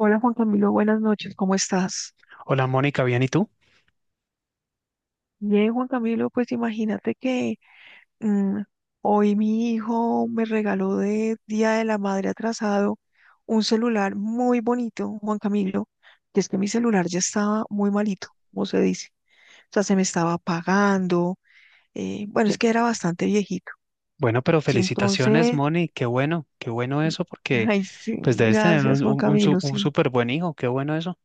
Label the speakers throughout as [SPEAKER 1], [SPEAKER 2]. [SPEAKER 1] Hola Juan Camilo, buenas noches, ¿cómo estás?
[SPEAKER 2] Hola Mónica, bien, ¿y tú?
[SPEAKER 1] Bien, Juan Camilo, pues imagínate que mm, hoy mi hijo me regaló de Día de la Madre atrasado un celular muy bonito, Juan Camilo, que es que mi celular ya estaba muy malito, como se dice. O sea, se me estaba apagando, bueno, es que era bastante viejito.
[SPEAKER 2] Bueno, pero
[SPEAKER 1] Y
[SPEAKER 2] felicitaciones,
[SPEAKER 1] entonces,
[SPEAKER 2] Moni, qué bueno eso, porque
[SPEAKER 1] ay, sí,
[SPEAKER 2] pues debes tener
[SPEAKER 1] gracias
[SPEAKER 2] un,
[SPEAKER 1] Juan
[SPEAKER 2] un, un su-
[SPEAKER 1] Camilo,
[SPEAKER 2] un
[SPEAKER 1] sí.
[SPEAKER 2] súper buen hijo, qué bueno eso.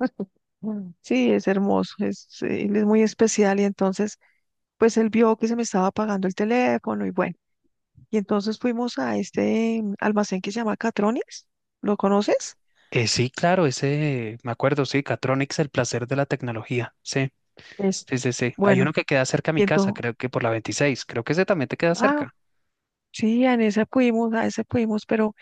[SPEAKER 1] Sí, es hermoso, es, él es muy especial y entonces pues él vio que se me estaba apagando el teléfono y bueno, y entonces fuimos a este almacén que se llama Catronics, ¿lo conoces?
[SPEAKER 2] Sí, claro, ese, me acuerdo, sí, Catronics, el placer de la tecnología, sí,
[SPEAKER 1] Es,
[SPEAKER 2] sí, sí, sí. Hay uno
[SPEAKER 1] bueno,
[SPEAKER 2] que queda cerca a mi
[SPEAKER 1] y
[SPEAKER 2] casa,
[SPEAKER 1] entonces,
[SPEAKER 2] creo que por la 26, creo que ese también te queda
[SPEAKER 1] ah,
[SPEAKER 2] cerca.
[SPEAKER 1] sí, en ese fuimos, a ese fuimos, pero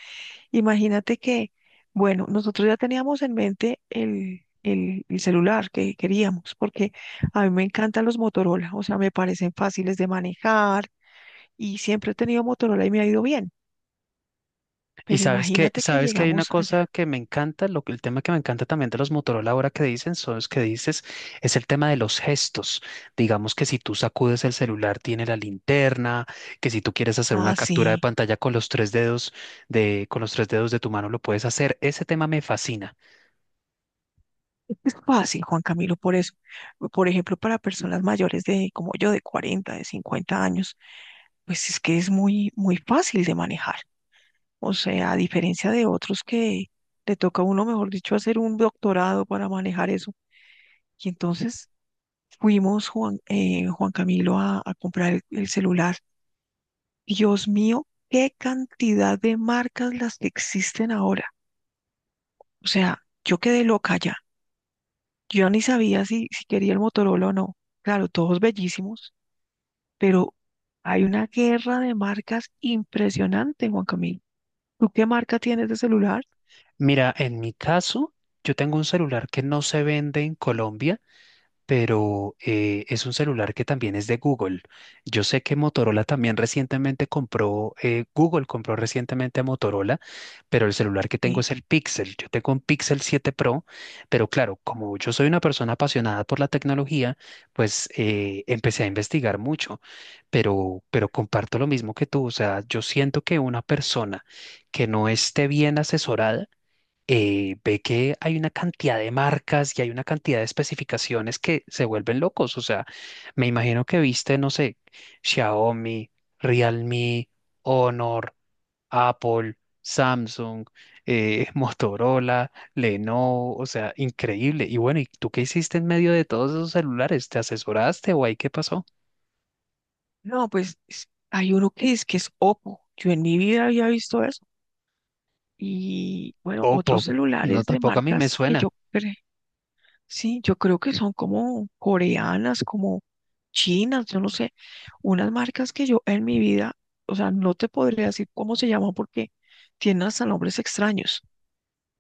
[SPEAKER 1] imagínate que, bueno, nosotros ya teníamos en mente el celular que queríamos, porque a mí me encantan los Motorola, o sea, me parecen fáciles de manejar y siempre he tenido Motorola y me ha ido bien,
[SPEAKER 2] Y
[SPEAKER 1] pero imagínate que
[SPEAKER 2] sabes que hay una
[SPEAKER 1] llegamos allá.
[SPEAKER 2] cosa que me encanta, el tema que me encanta también de los Motorola ahora que dicen, son los que dices, es el tema de los gestos. Digamos que si tú sacudes el celular, tiene la linterna, que si tú quieres hacer una
[SPEAKER 1] Ah,
[SPEAKER 2] captura de
[SPEAKER 1] sí.
[SPEAKER 2] pantalla con los tres dedos de tu mano, lo puedes hacer. Ese tema me fascina.
[SPEAKER 1] Es fácil, Juan Camilo, por eso. Por ejemplo, para personas mayores de, como yo, de 40, de 50 años, pues es que es muy, muy fácil de manejar. O sea, a diferencia de otros que le toca a uno, mejor dicho, hacer un doctorado para manejar eso. Y entonces fuimos, Juan, Juan Camilo, a comprar el celular. Dios mío, qué cantidad de marcas las que existen ahora. O sea, yo quedé loca. Yo ni sabía si, si quería el Motorola o no. Claro, todos bellísimos, pero hay una guerra de marcas impresionante, Juan Camilo. ¿Tú qué marca tienes de celular?
[SPEAKER 2] Mira, en mi caso, yo tengo un celular que no se vende en Colombia, pero es un celular que también es de Google. Yo sé que Motorola también recientemente compró, Google compró recientemente a Motorola, pero el celular que tengo
[SPEAKER 1] Sí.
[SPEAKER 2] es el Pixel. Yo tengo un Pixel 7 Pro, pero claro, como yo soy una persona apasionada por la tecnología, pues empecé a investigar mucho, pero comparto lo mismo que tú. O sea, yo siento que una persona que no esté bien asesorada, ve que hay una cantidad de marcas y hay una cantidad de especificaciones que se vuelven locos. O sea, me imagino que viste, no sé, Xiaomi, Realme, Honor, Apple, Samsung, Motorola, Lenovo, o sea, increíble. Y bueno, ¿y tú qué hiciste en medio de todos esos celulares? ¿Te asesoraste o ahí qué pasó?
[SPEAKER 1] No, pues es- hay uno que es Oppo. Yo en mi vida había visto eso. Y bueno, otros
[SPEAKER 2] Oppo, no,
[SPEAKER 1] celulares de
[SPEAKER 2] tampoco a mí me
[SPEAKER 1] marcas que
[SPEAKER 2] suena.
[SPEAKER 1] yo sí, yo creo que son como coreanas, como chinas, yo no sé, unas marcas que yo en mi vida, o sea, no te podría decir cómo se llaman porque tienen hasta nombres extraños.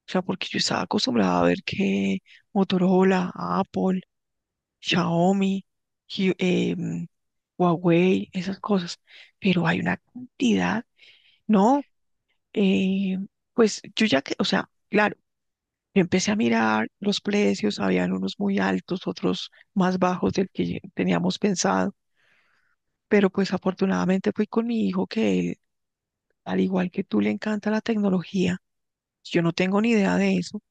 [SPEAKER 1] O sea, porque yo estaba acostumbrada a ver que Motorola, Apple, Xiaomi, Hu- em, Huawei, esas cosas, pero hay una cantidad, no, eh, pues yo ya que, o sea, claro. Yo empecé a mirar los precios, habían unos muy altos, otros más bajos del que teníamos pensado, pero pues afortunadamente fui con mi hijo que, al igual que tú, le encanta la tecnología. Yo no tengo ni idea de eso.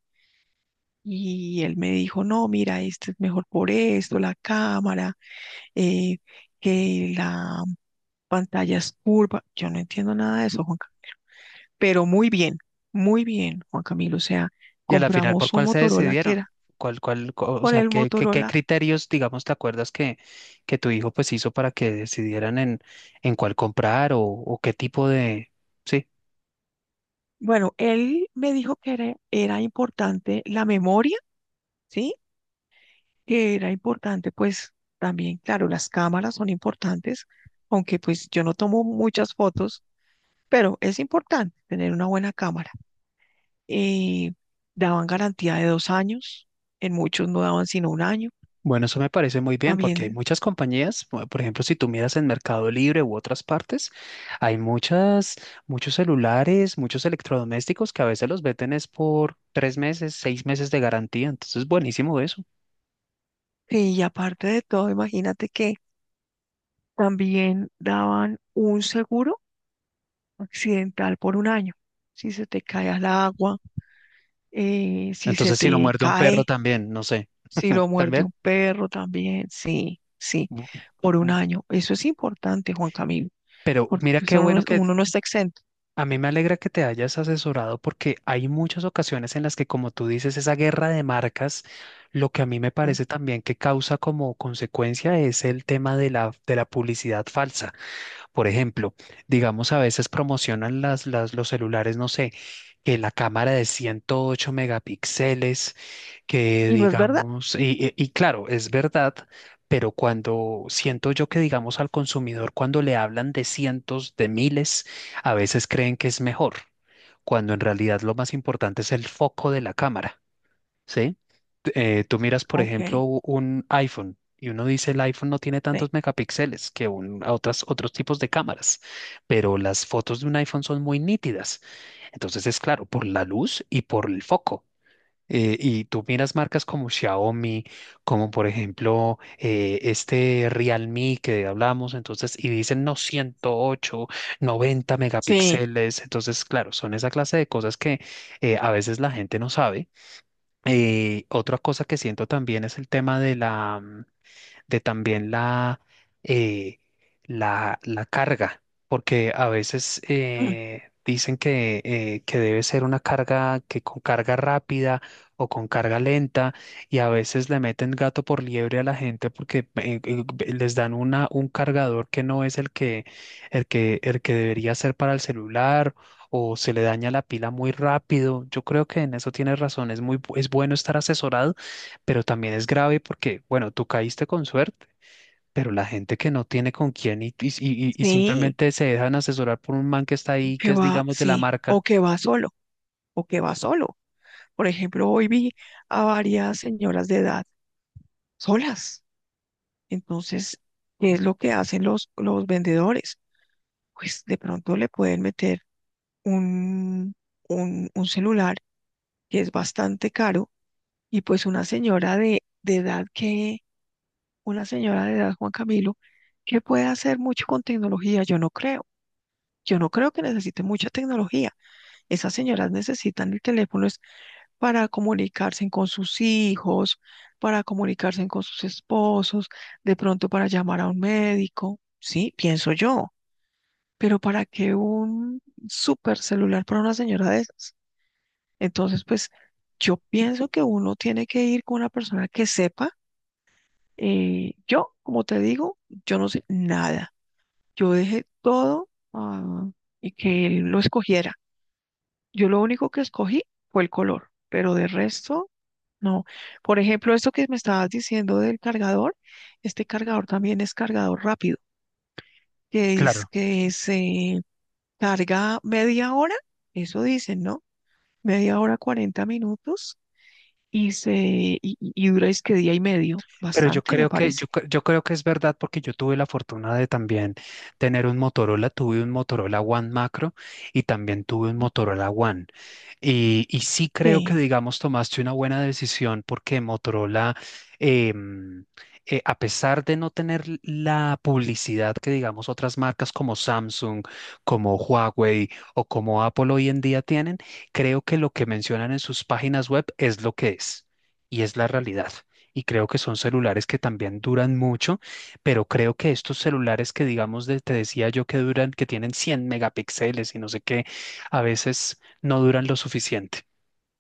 [SPEAKER 1] Y él me dijo, no, mira, este es mejor por esto, la cámara, eh, que la pantalla es curva. Yo no entiendo nada de eso, Juan Camilo. Pero muy bien, Juan Camilo. O sea,
[SPEAKER 2] Y a la final, ¿por
[SPEAKER 1] compramos un
[SPEAKER 2] cuál se
[SPEAKER 1] Motorola que
[SPEAKER 2] decidieron?
[SPEAKER 1] era
[SPEAKER 2] O
[SPEAKER 1] con
[SPEAKER 2] sea,
[SPEAKER 1] el
[SPEAKER 2] ¿qué
[SPEAKER 1] Motorola.
[SPEAKER 2] criterios, digamos, te acuerdas que tu hijo pues hizo para que decidieran en cuál comprar o qué tipo de...? Sí,
[SPEAKER 1] Bueno, él me dijo que era, era importante la memoria, ¿sí? Que era importante, pues también, claro, las cámaras son importantes, aunque pues yo no tomo muchas fotos, pero es importante tener una buena cámara. Eh, daban garantía de 2 años, en muchos no daban sino un año
[SPEAKER 2] bueno, eso me parece muy bien porque hay
[SPEAKER 1] también.
[SPEAKER 2] muchas compañías, por ejemplo, si tú miras en Mercado Libre u otras partes, hay muchas, muchos celulares, muchos electrodomésticos que a veces los venden es por tres meses, seis meses de garantía, entonces buenísimo eso.
[SPEAKER 1] Sí, y aparte de todo, imagínate que también daban un seguro accidental por 1 año. Si se te cae al agua, si se
[SPEAKER 2] Entonces, si lo
[SPEAKER 1] te
[SPEAKER 2] muerde un perro
[SPEAKER 1] cae,
[SPEAKER 2] también, no sé,
[SPEAKER 1] si lo muerde
[SPEAKER 2] también.
[SPEAKER 1] un perro también, sí, sí, por 1 año. Eso es importante, Juan Camilo,
[SPEAKER 2] Pero
[SPEAKER 1] porque
[SPEAKER 2] mira qué
[SPEAKER 1] eso no
[SPEAKER 2] bueno
[SPEAKER 1] es-
[SPEAKER 2] que
[SPEAKER 1] uno no está exento.
[SPEAKER 2] a mí me alegra que te hayas asesorado porque hay muchas ocasiones en las que, como tú dices, esa guerra de marcas, lo que a mí me
[SPEAKER 1] ¿No?
[SPEAKER 2] parece también que causa como consecuencia es el tema de la publicidad falsa. Por ejemplo, digamos a veces promocionan los celulares, no sé, que la cámara de 108 megapíxeles, que
[SPEAKER 1] ¿Y no es verdad?
[SPEAKER 2] digamos, y claro, es verdad, pero cuando siento yo que digamos al consumidor, cuando le hablan de cientos, de miles, a veces creen que es mejor, cuando en realidad lo más importante es el foco de la cámara, ¿sí? Tú miras, por
[SPEAKER 1] Ok,
[SPEAKER 2] ejemplo, un iPhone y uno dice el iPhone no tiene
[SPEAKER 1] sí,
[SPEAKER 2] tantos megapíxeles que a otras, otros tipos de cámaras, pero las fotos de un iPhone son muy nítidas. Entonces es claro, por la luz y por el foco. Y tú miras marcas como Xiaomi, como por ejemplo este Realme que hablamos, entonces, y dicen no 108, 90
[SPEAKER 1] sí,
[SPEAKER 2] megapíxeles. Entonces, claro, son esa clase de cosas que a veces la gente no sabe. Otra cosa que siento también es el tema de también eh, la carga, porque a veces
[SPEAKER 1] ah,
[SPEAKER 2] dicen que debe ser una carga, que con carga rápida o con carga lenta, y a veces le meten gato por liebre a la gente porque les dan un cargador que no es el que debería ser para el celular, o se le daña la pila muy rápido. Yo creo que en eso tienes razón. Es bueno estar asesorado, pero también es grave porque, bueno, tú caíste con suerte, pero la gente que no tiene con quién y
[SPEAKER 1] sí,
[SPEAKER 2] simplemente se dejan asesorar por un man que está ahí,
[SPEAKER 1] que
[SPEAKER 2] que es,
[SPEAKER 1] va,
[SPEAKER 2] digamos, de la
[SPEAKER 1] sí,
[SPEAKER 2] marca,
[SPEAKER 1] o que va solo, o que va solo. Por ejemplo, hoy vi a varias señoras de edad solas. Entonces, ¿qué es lo que hacen los vendedores? Pues de pronto le pueden meter un, un celular que es bastante caro, y pues una señora de edad que, una señora de edad, Juan Camilo, que puede hacer mucho con tecnología, yo no creo. Yo no creo que necesite mucha tecnología. Esas señoras necesitan el teléfono es para comunicarse con sus hijos, para comunicarse con sus esposos, de pronto para llamar a un médico, sí, pienso yo. Pero para que un super celular para una señora de esas. Entonces, pues yo pienso que uno tiene que ir con una persona que sepa. Yo, como te digo, yo no sé nada. Yo dejé todo ah, y que él lo escogiera. Yo lo único que escogí fue el color, pero de resto, no. Por ejemplo, esto que me estabas diciendo del cargador, este cargador también es cargador rápido, que es
[SPEAKER 2] claro.
[SPEAKER 1] que se carga media hora, eso dicen, ¿no? Media hora, 40 minutos y se y, y dura es que día y medio,
[SPEAKER 2] Pero yo
[SPEAKER 1] bastante me
[SPEAKER 2] creo que,
[SPEAKER 1] parece.
[SPEAKER 2] yo creo que es verdad porque yo tuve la fortuna de también tener un Motorola, tuve un Motorola One Macro y también tuve un Motorola One. Y sí creo que,
[SPEAKER 1] Sí,
[SPEAKER 2] digamos, tomaste una buena decisión porque Motorola, em, a pesar de no tener la publicidad que, digamos, otras marcas como Samsung, como Huawei o como Apple hoy en día tienen, creo que lo que mencionan en sus páginas web es lo que es y es la realidad, y creo que son celulares que también duran mucho, pero creo que estos celulares que digamos, te decía yo que duran, que tienen 100 megapíxeles y no sé qué, a veces no duran lo suficiente.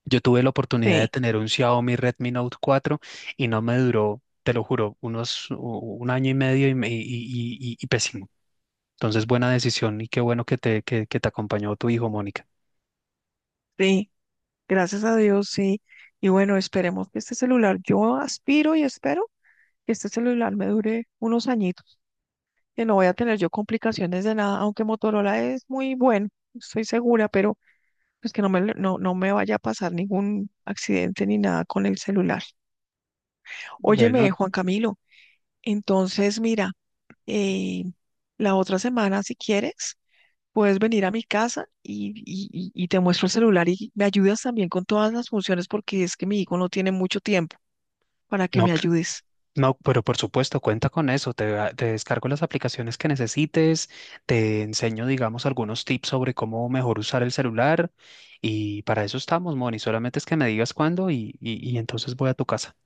[SPEAKER 2] Yo tuve la oportunidad de
[SPEAKER 1] sí,
[SPEAKER 2] tener un Xiaomi Redmi Note cuatro y no me duró, te lo juro, un año y medio, y pésimo. Entonces, buena decisión y qué bueno que que te acompañó tu hijo, Mónica.
[SPEAKER 1] sí, gracias a Dios, sí. Y bueno, esperemos que este celular, yo aspiro y espero que este celular me dure unos añitos, que no voy a tener yo complicaciones de nada, aunque Motorola es muy bueno, estoy segura, pero pues que no me, no, no me vaya a pasar ningún accidente ni nada con el celular. Óyeme,
[SPEAKER 2] Bueno,
[SPEAKER 1] Juan Camilo, entonces mira, eh, la otra semana, si quieres. Puedes venir a mi casa y, y te muestro el celular y me ayudas también con todas las funciones porque es que mi hijo no tiene mucho tiempo para que
[SPEAKER 2] no.
[SPEAKER 1] me ayudes.
[SPEAKER 2] No, pero por supuesto, cuenta con eso. Te descargo las aplicaciones que necesites, te enseño, digamos, algunos tips sobre cómo mejor usar el celular, y para eso estamos, Moni. Solamente es que me digas cuándo, y entonces voy a tu casa.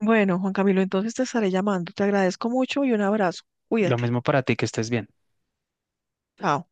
[SPEAKER 1] Bueno, Juan Camilo, entonces te estaré llamando. Te agradezco mucho y un abrazo.
[SPEAKER 2] Lo
[SPEAKER 1] Cuídate.
[SPEAKER 2] mismo para ti, que estés bien.
[SPEAKER 1] Chao.